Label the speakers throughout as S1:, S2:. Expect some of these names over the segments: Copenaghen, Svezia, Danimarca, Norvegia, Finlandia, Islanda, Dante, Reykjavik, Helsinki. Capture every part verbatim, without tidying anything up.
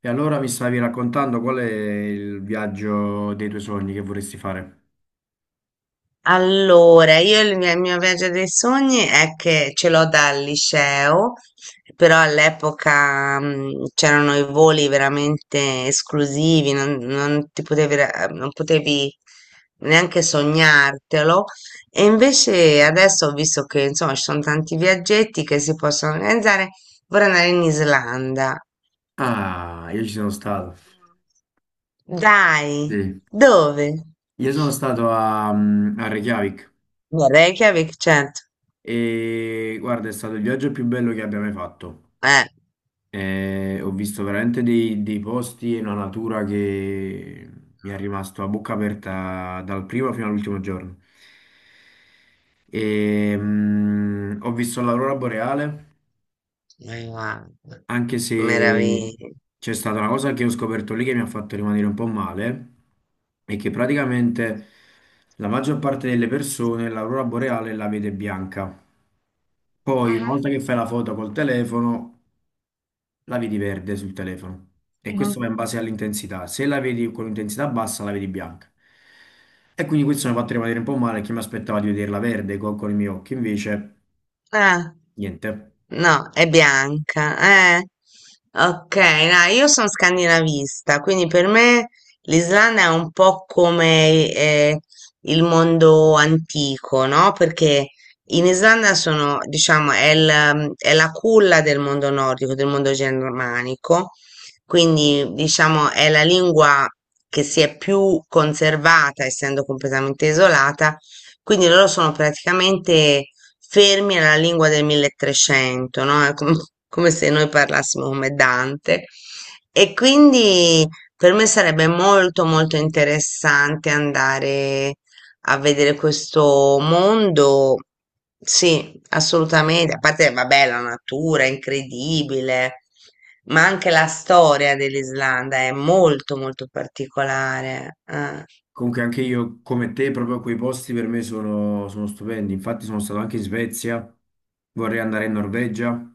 S1: E allora mi stavi raccontando qual è il viaggio dei tuoi sogni che vorresti fare?
S2: Allora, io il mio, il mio viaggio dei sogni è che ce l'ho dal liceo, però all'epoca mm, c'erano i voli veramente esclusivi, non, non ti potevi, ra- non potevi neanche sognartelo. E invece adesso ho visto che insomma ci sono tanti viaggetti che si possono organizzare. Vorrei andare in Islanda.
S1: Ah, io ci sono stato.
S2: Dai,
S1: Sì.
S2: dove?
S1: Io sono stato a, mm, a Reykjavik
S2: A Reykjavik, certo.
S1: e guarda, è stato il viaggio più bello che abbia mai fatto.
S2: Eh,
S1: E ho visto veramente dei, dei posti e una natura che mi è rimasto a bocca aperta dal primo fino all'ultimo giorno. E, mm, ho visto l'aurora boreale
S2: ma guarda,
S1: anche se
S2: meraviglia.
S1: c'è stata una cosa che ho scoperto lì che mi ha fatto rimanere un po' male, è che praticamente la maggior parte delle persone l'aurora boreale la vede bianca. Poi, una
S2: Ah-ah,
S1: volta che fai la foto col telefono, la vedi verde sul telefono. E
S2: ah-ah.
S1: questo va in base all'intensità. Se la vedi con intensità bassa, la vedi bianca. E quindi questo mi ha fatto rimanere un po' male, che mi aspettava di vederla verde co- con, i miei occhi, invece
S2: Ah,
S1: niente.
S2: no, è bianca. Eh. Ok, no, io sono scandinavista, quindi per me l'Islanda è un po' come eh, il mondo antico, no? Perché in Islanda sono, diciamo, è, il, mm, è la culla del mondo nordico, del mondo germanico, quindi diciamo è la lingua che si è più conservata, essendo completamente isolata, quindi loro sono praticamente fermi alla lingua del milletrecento, no? È com- come se noi parlassimo come Dante. E quindi per me sarebbe molto molto interessante andare a vedere questo mondo. Sì, assolutamente. A parte, vabbè, la natura è incredibile, ma anche la storia dell'Islanda è molto molto particolare. Eh.
S1: Comunque anche io, come te, proprio quei posti per me sono, sono stupendi. Infatti sono stato anche in Svezia, vorrei andare in Norvegia,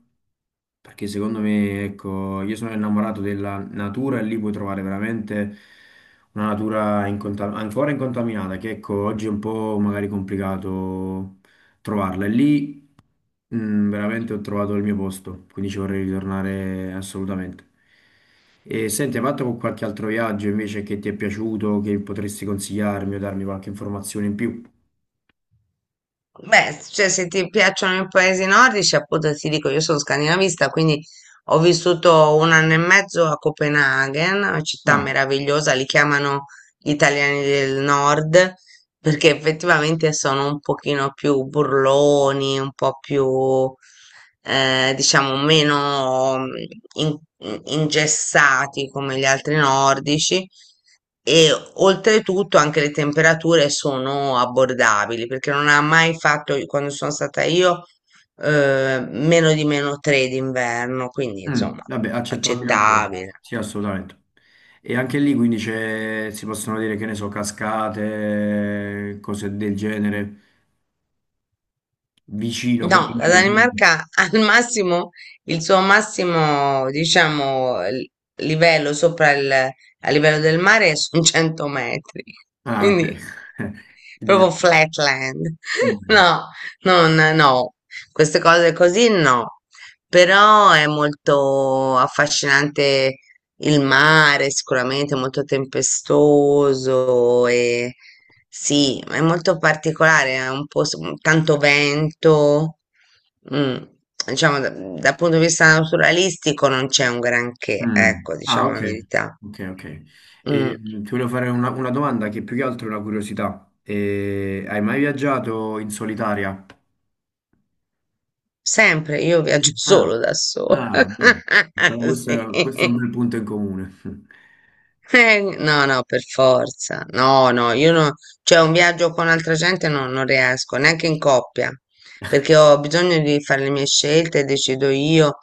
S1: perché secondo me, ecco, io sono innamorato della natura e lì puoi trovare veramente una natura incontam- ancora incontaminata, che ecco, oggi è un po' magari complicato trovarla. E lì Mm, veramente ho trovato il mio posto, quindi ci vorrei ritornare assolutamente. E senti, hai fatto qualche altro viaggio invece che ti è piaciuto, che potresti consigliarmi o darmi qualche informazione in più?
S2: Beh, s- cioè, se ti piacciono i paesi nordici, appunto ti dico, io sono scandinavista, quindi ho vissuto un anno e mezzo a Copenaghen, una città
S1: Ah,
S2: meravigliosa, li chiamano gli italiani del nord, perché effettivamente sono un pochino più burloni, un po' più, eh, diciamo, meno mm, in- in- ingessati come gli altri nordici e oltretutto anche le temperature sono abbordabili, perché non ha mai fatto, quando sono stata io, eh, meno di meno tre d'inverno, quindi
S1: mm,
S2: insomma,
S1: vabbè, accettabile ancora.
S2: accettabile.
S1: Sì, assolutamente. E anche lì quindi c'è- si possono dire, che ne so, cascate, cose del genere, vicino, come...
S2: No, la Danimarca al massimo, il suo massimo, diciamo, l- livello sopra il, a livello del mare sono cento metri.
S1: Ah, ok.
S2: Quindi
S1: Quindi-
S2: proprio flatland. No, non, no, queste cose così no. Però è molto affascinante il mare, sicuramente molto tempestoso e sì, è molto particolare, è un po' s- tanto vento. mm, Diciamo, da- dal punto di vista naturalistico non c'è un granché,
S1: Mm.
S2: ecco,
S1: Ah,
S2: diciamo
S1: ok,
S2: la verità.
S1: ok, ok.
S2: Mm.
S1: Ehm, ti volevo fare una, una domanda che più che altro è una curiosità. Eh, hai mai viaggiato in solitaria?
S2: Sempre, io viaggio
S1: Ah,
S2: solo da sola.
S1: ah, bene. Allora, Questo è, questo è un
S2: Sì.
S1: bel punto in comune.
S2: Eh, no, no, per forza. No, no, io no, cioè un viaggio con altra gente no- non riesco, neanche in coppia, perché ho bisogno di fare le mie scelte, decido io,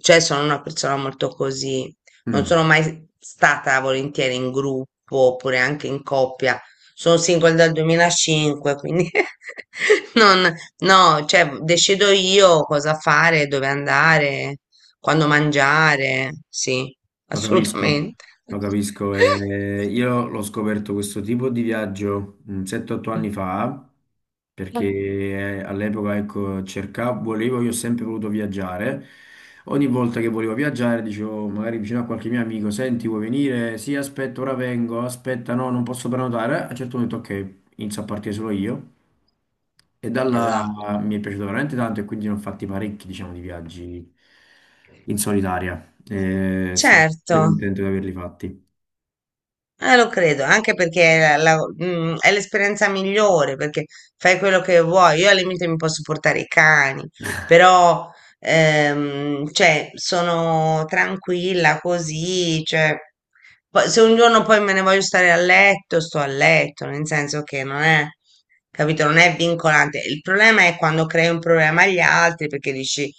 S2: cioè sono una persona molto così. Non sono
S1: Mm.
S2: mai stata volentieri in gruppo oppure anche in coppia. Sono single dal duemilacinque, quindi non, no, cioè decido io cosa fare, dove andare. Quando mangiare, sì,
S1: Lo capisco,
S2: assolutamente.
S1: lo capisco. E io l'ho scoperto questo tipo di viaggio mm, sette otto anni fa, perché eh, all'epoca ecco, cercavo, volevo, io ho sempre voluto viaggiare. Ogni volta che volevo viaggiare, dicevo magari vicino a qualche mio amico, senti, vuoi venire? Sì, aspetta, ora vengo, aspetta, no, non posso prenotare. A un certo punto, ok, inizio a partire solo io. E
S2: Esatto.
S1: dalla mi è piaciuto veramente tanto e quindi ne ho fatti parecchi, diciamo, di viaggi in solitaria. E sono
S2: Certo.
S1: veramente contento di averli fatti.
S2: Eh, lo credo, anche perché è, la- la- mm, è l'esperienza migliore, perché fai quello che vuoi. Io al limite mi posso portare i cani, però ehm, cioè, sono tranquilla così. Cioè, poi- se un giorno poi me ne voglio stare a letto, sto a letto, nel senso che non è, capito, non è vincolante. Il problema è quando crei un problema agli altri perché dici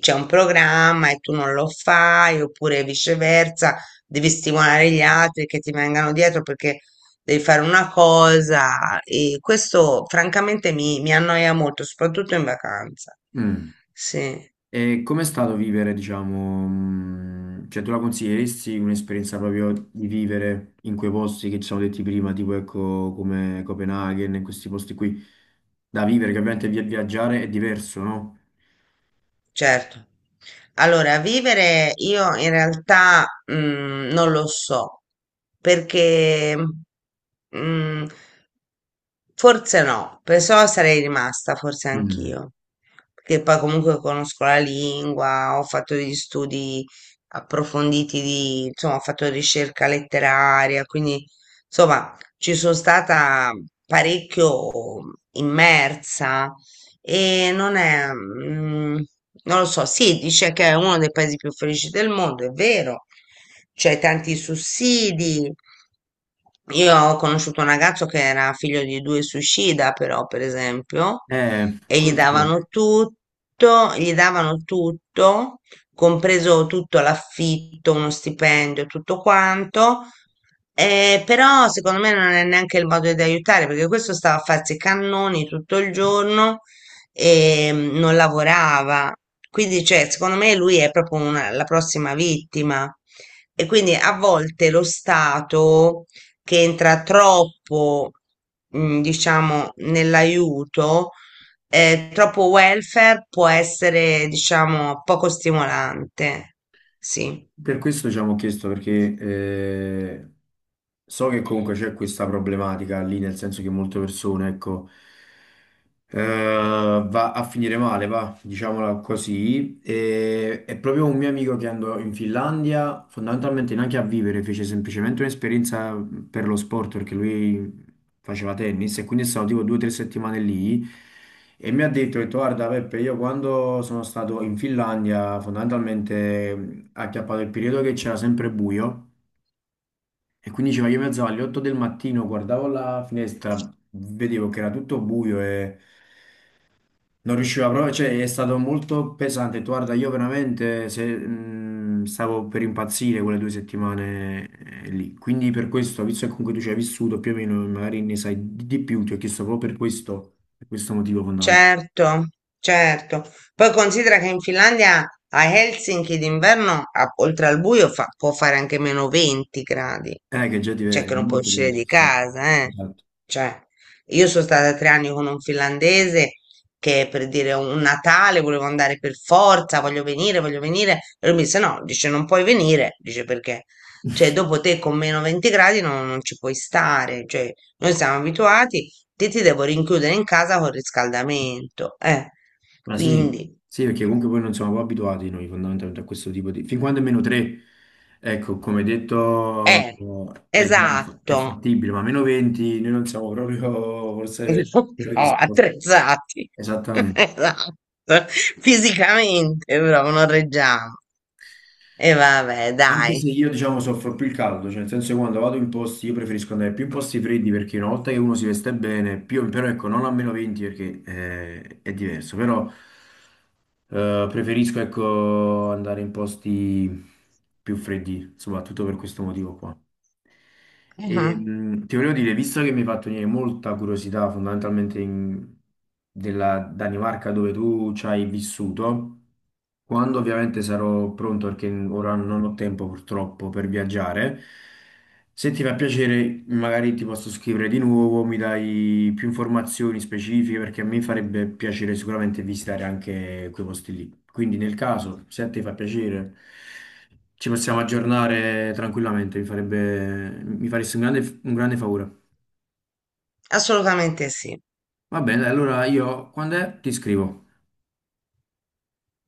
S2: c'è un programma e tu non lo fai, oppure viceversa devi stimolare gli altri che ti vengano dietro perché devi fare una cosa e questo francamente mi, mi annoia molto, soprattutto in vacanza.
S1: Mm.
S2: Sì,
S1: E com'è stato vivere, diciamo, mm, cioè tu la consiglieresti un'esperienza proprio di vivere in quei posti che ci siamo detti prima, tipo ecco come Copenaghen, in questi posti qui da vivere, che ovviamente via- viaggiare è diverso, no?
S2: certo. Allora, vivere io in realtà mm, non lo so perché mm, forse no, perciò sarei rimasta, forse
S1: Mm.
S2: anch'io, perché poi comunque conosco la lingua, ho fatto degli studi approfonditi di, insomma, ho fatto ricerca letteraria, quindi insomma ci sono stata parecchio immersa e non è, mm, non lo so, sì, dice che è uno dei paesi più felici del mondo, è vero, c'è tanti sussidi. Io ho conosciuto un ragazzo che era figlio di due suicida, però, per esempio,
S1: Eh,
S2: e gli
S1: questo.
S2: davano tutto, gli davano tutto, compreso tutto l'affitto, uno stipendio, tutto quanto. Eh, però secondo me non è neanche il modo di aiutare perché questo stava a farsi i cannoni tutto il giorno e mm, non lavorava. Quindi, cioè, secondo me lui è proprio una- la prossima vittima. E quindi a volte lo Stato che entra troppo, mm, diciamo, nell'aiuto, eh, troppo welfare può essere, diciamo, poco stimolante. Sì.
S1: Per questo ci abbiamo chiesto perché eh, so che comunque c'è questa problematica lì, nel senso che molte persone, ecco, eh, va a finire male, va, diciamola così. E, è proprio un mio amico che andò in Finlandia, fondamentalmente neanche a vivere, fece semplicemente un'esperienza per lo sport, perché lui faceva tennis e quindi è stato tipo due o tre settimane lì e mi ha detto, ho detto, guarda Peppe, io quando sono stato in Finlandia fondamentalmente mh, ha acchiappato il periodo che c'era sempre buio e quindi diceva, io mi alzavo alle otto del mattino, guardavo la finestra, vedevo che era tutto buio e... Non riuscivo a provare, cioè è stato molto pesante. Guarda, io veramente se- mh, stavo per impazzire quelle due settimane eh, lì. Quindi per questo, visto che comunque tu ci hai vissuto più o meno, magari ne sai di, di più, ti ho chiesto proprio per questo, per questo motivo fondamentale.
S2: Certo, certo. Poi considera che in Finlandia a Helsinki d'inverno, a- oltre al buio, fa- può fare anche meno venti gradi,
S1: Eh, che già ti
S2: cioè
S1: è
S2: che non puoi
S1: molto
S2: uscire di
S1: diverso, eh.
S2: casa, eh.
S1: Esatto.
S2: Cioè, io sono stata tre anni con un finlandese che per dire un Natale volevo andare per forza, voglio venire, voglio venire. E lui mi disse no, dice non puoi venire, dice perché? Cioè, dopo te con meno venti gradi non, non ci puoi stare, cioè, noi siamo abituati. Te ti devo rinchiudere in casa con riscaldamento. Eh,
S1: Ma sì,
S2: quindi,
S1: sì, perché comunque poi non siamo poi abituati noi fondamentalmente a questo tipo di... Fin quando è meno tre, ecco, come detto,
S2: eh,
S1: è, già fa- è
S2: esatto.
S1: fattibile, ma meno venti noi non siamo proprio forse
S2: No,
S1: predisposti.
S2: attrezzati.
S1: Esattamente.
S2: Esatto. Fisicamente, però non reggiamo. E vabbè,
S1: Anche
S2: dai.
S1: se io, diciamo, soffro più il caldo, cioè nel senso che quando vado in posti, io preferisco andare più in posti freddi perché una volta che uno si veste bene, più, però ecco, non a meno venti perché eh, è diverso, però eh, preferisco, ecco, andare in posti più freddi, soprattutto per questo motivo qua. E,
S2: Mhm,
S1: mh, ti volevo dire, visto che mi hai fatto venire molta curiosità fondamentalmente in- della Danimarca dove tu ci hai vissuto, quando ovviamente sarò pronto, perché ora non ho tempo purtroppo per viaggiare, se ti fa piacere magari ti posso scrivere di nuovo, mi dai più informazioni specifiche perché a me farebbe piacere sicuramente visitare anche quei posti lì. Quindi nel caso, se a te fa piacere... Ci possiamo aggiornare tranquillamente, mi farebbe, mi faresti un grande, un grande favore.
S2: assolutamente sì.
S1: Va bene, dai, allora io quando è ti scrivo.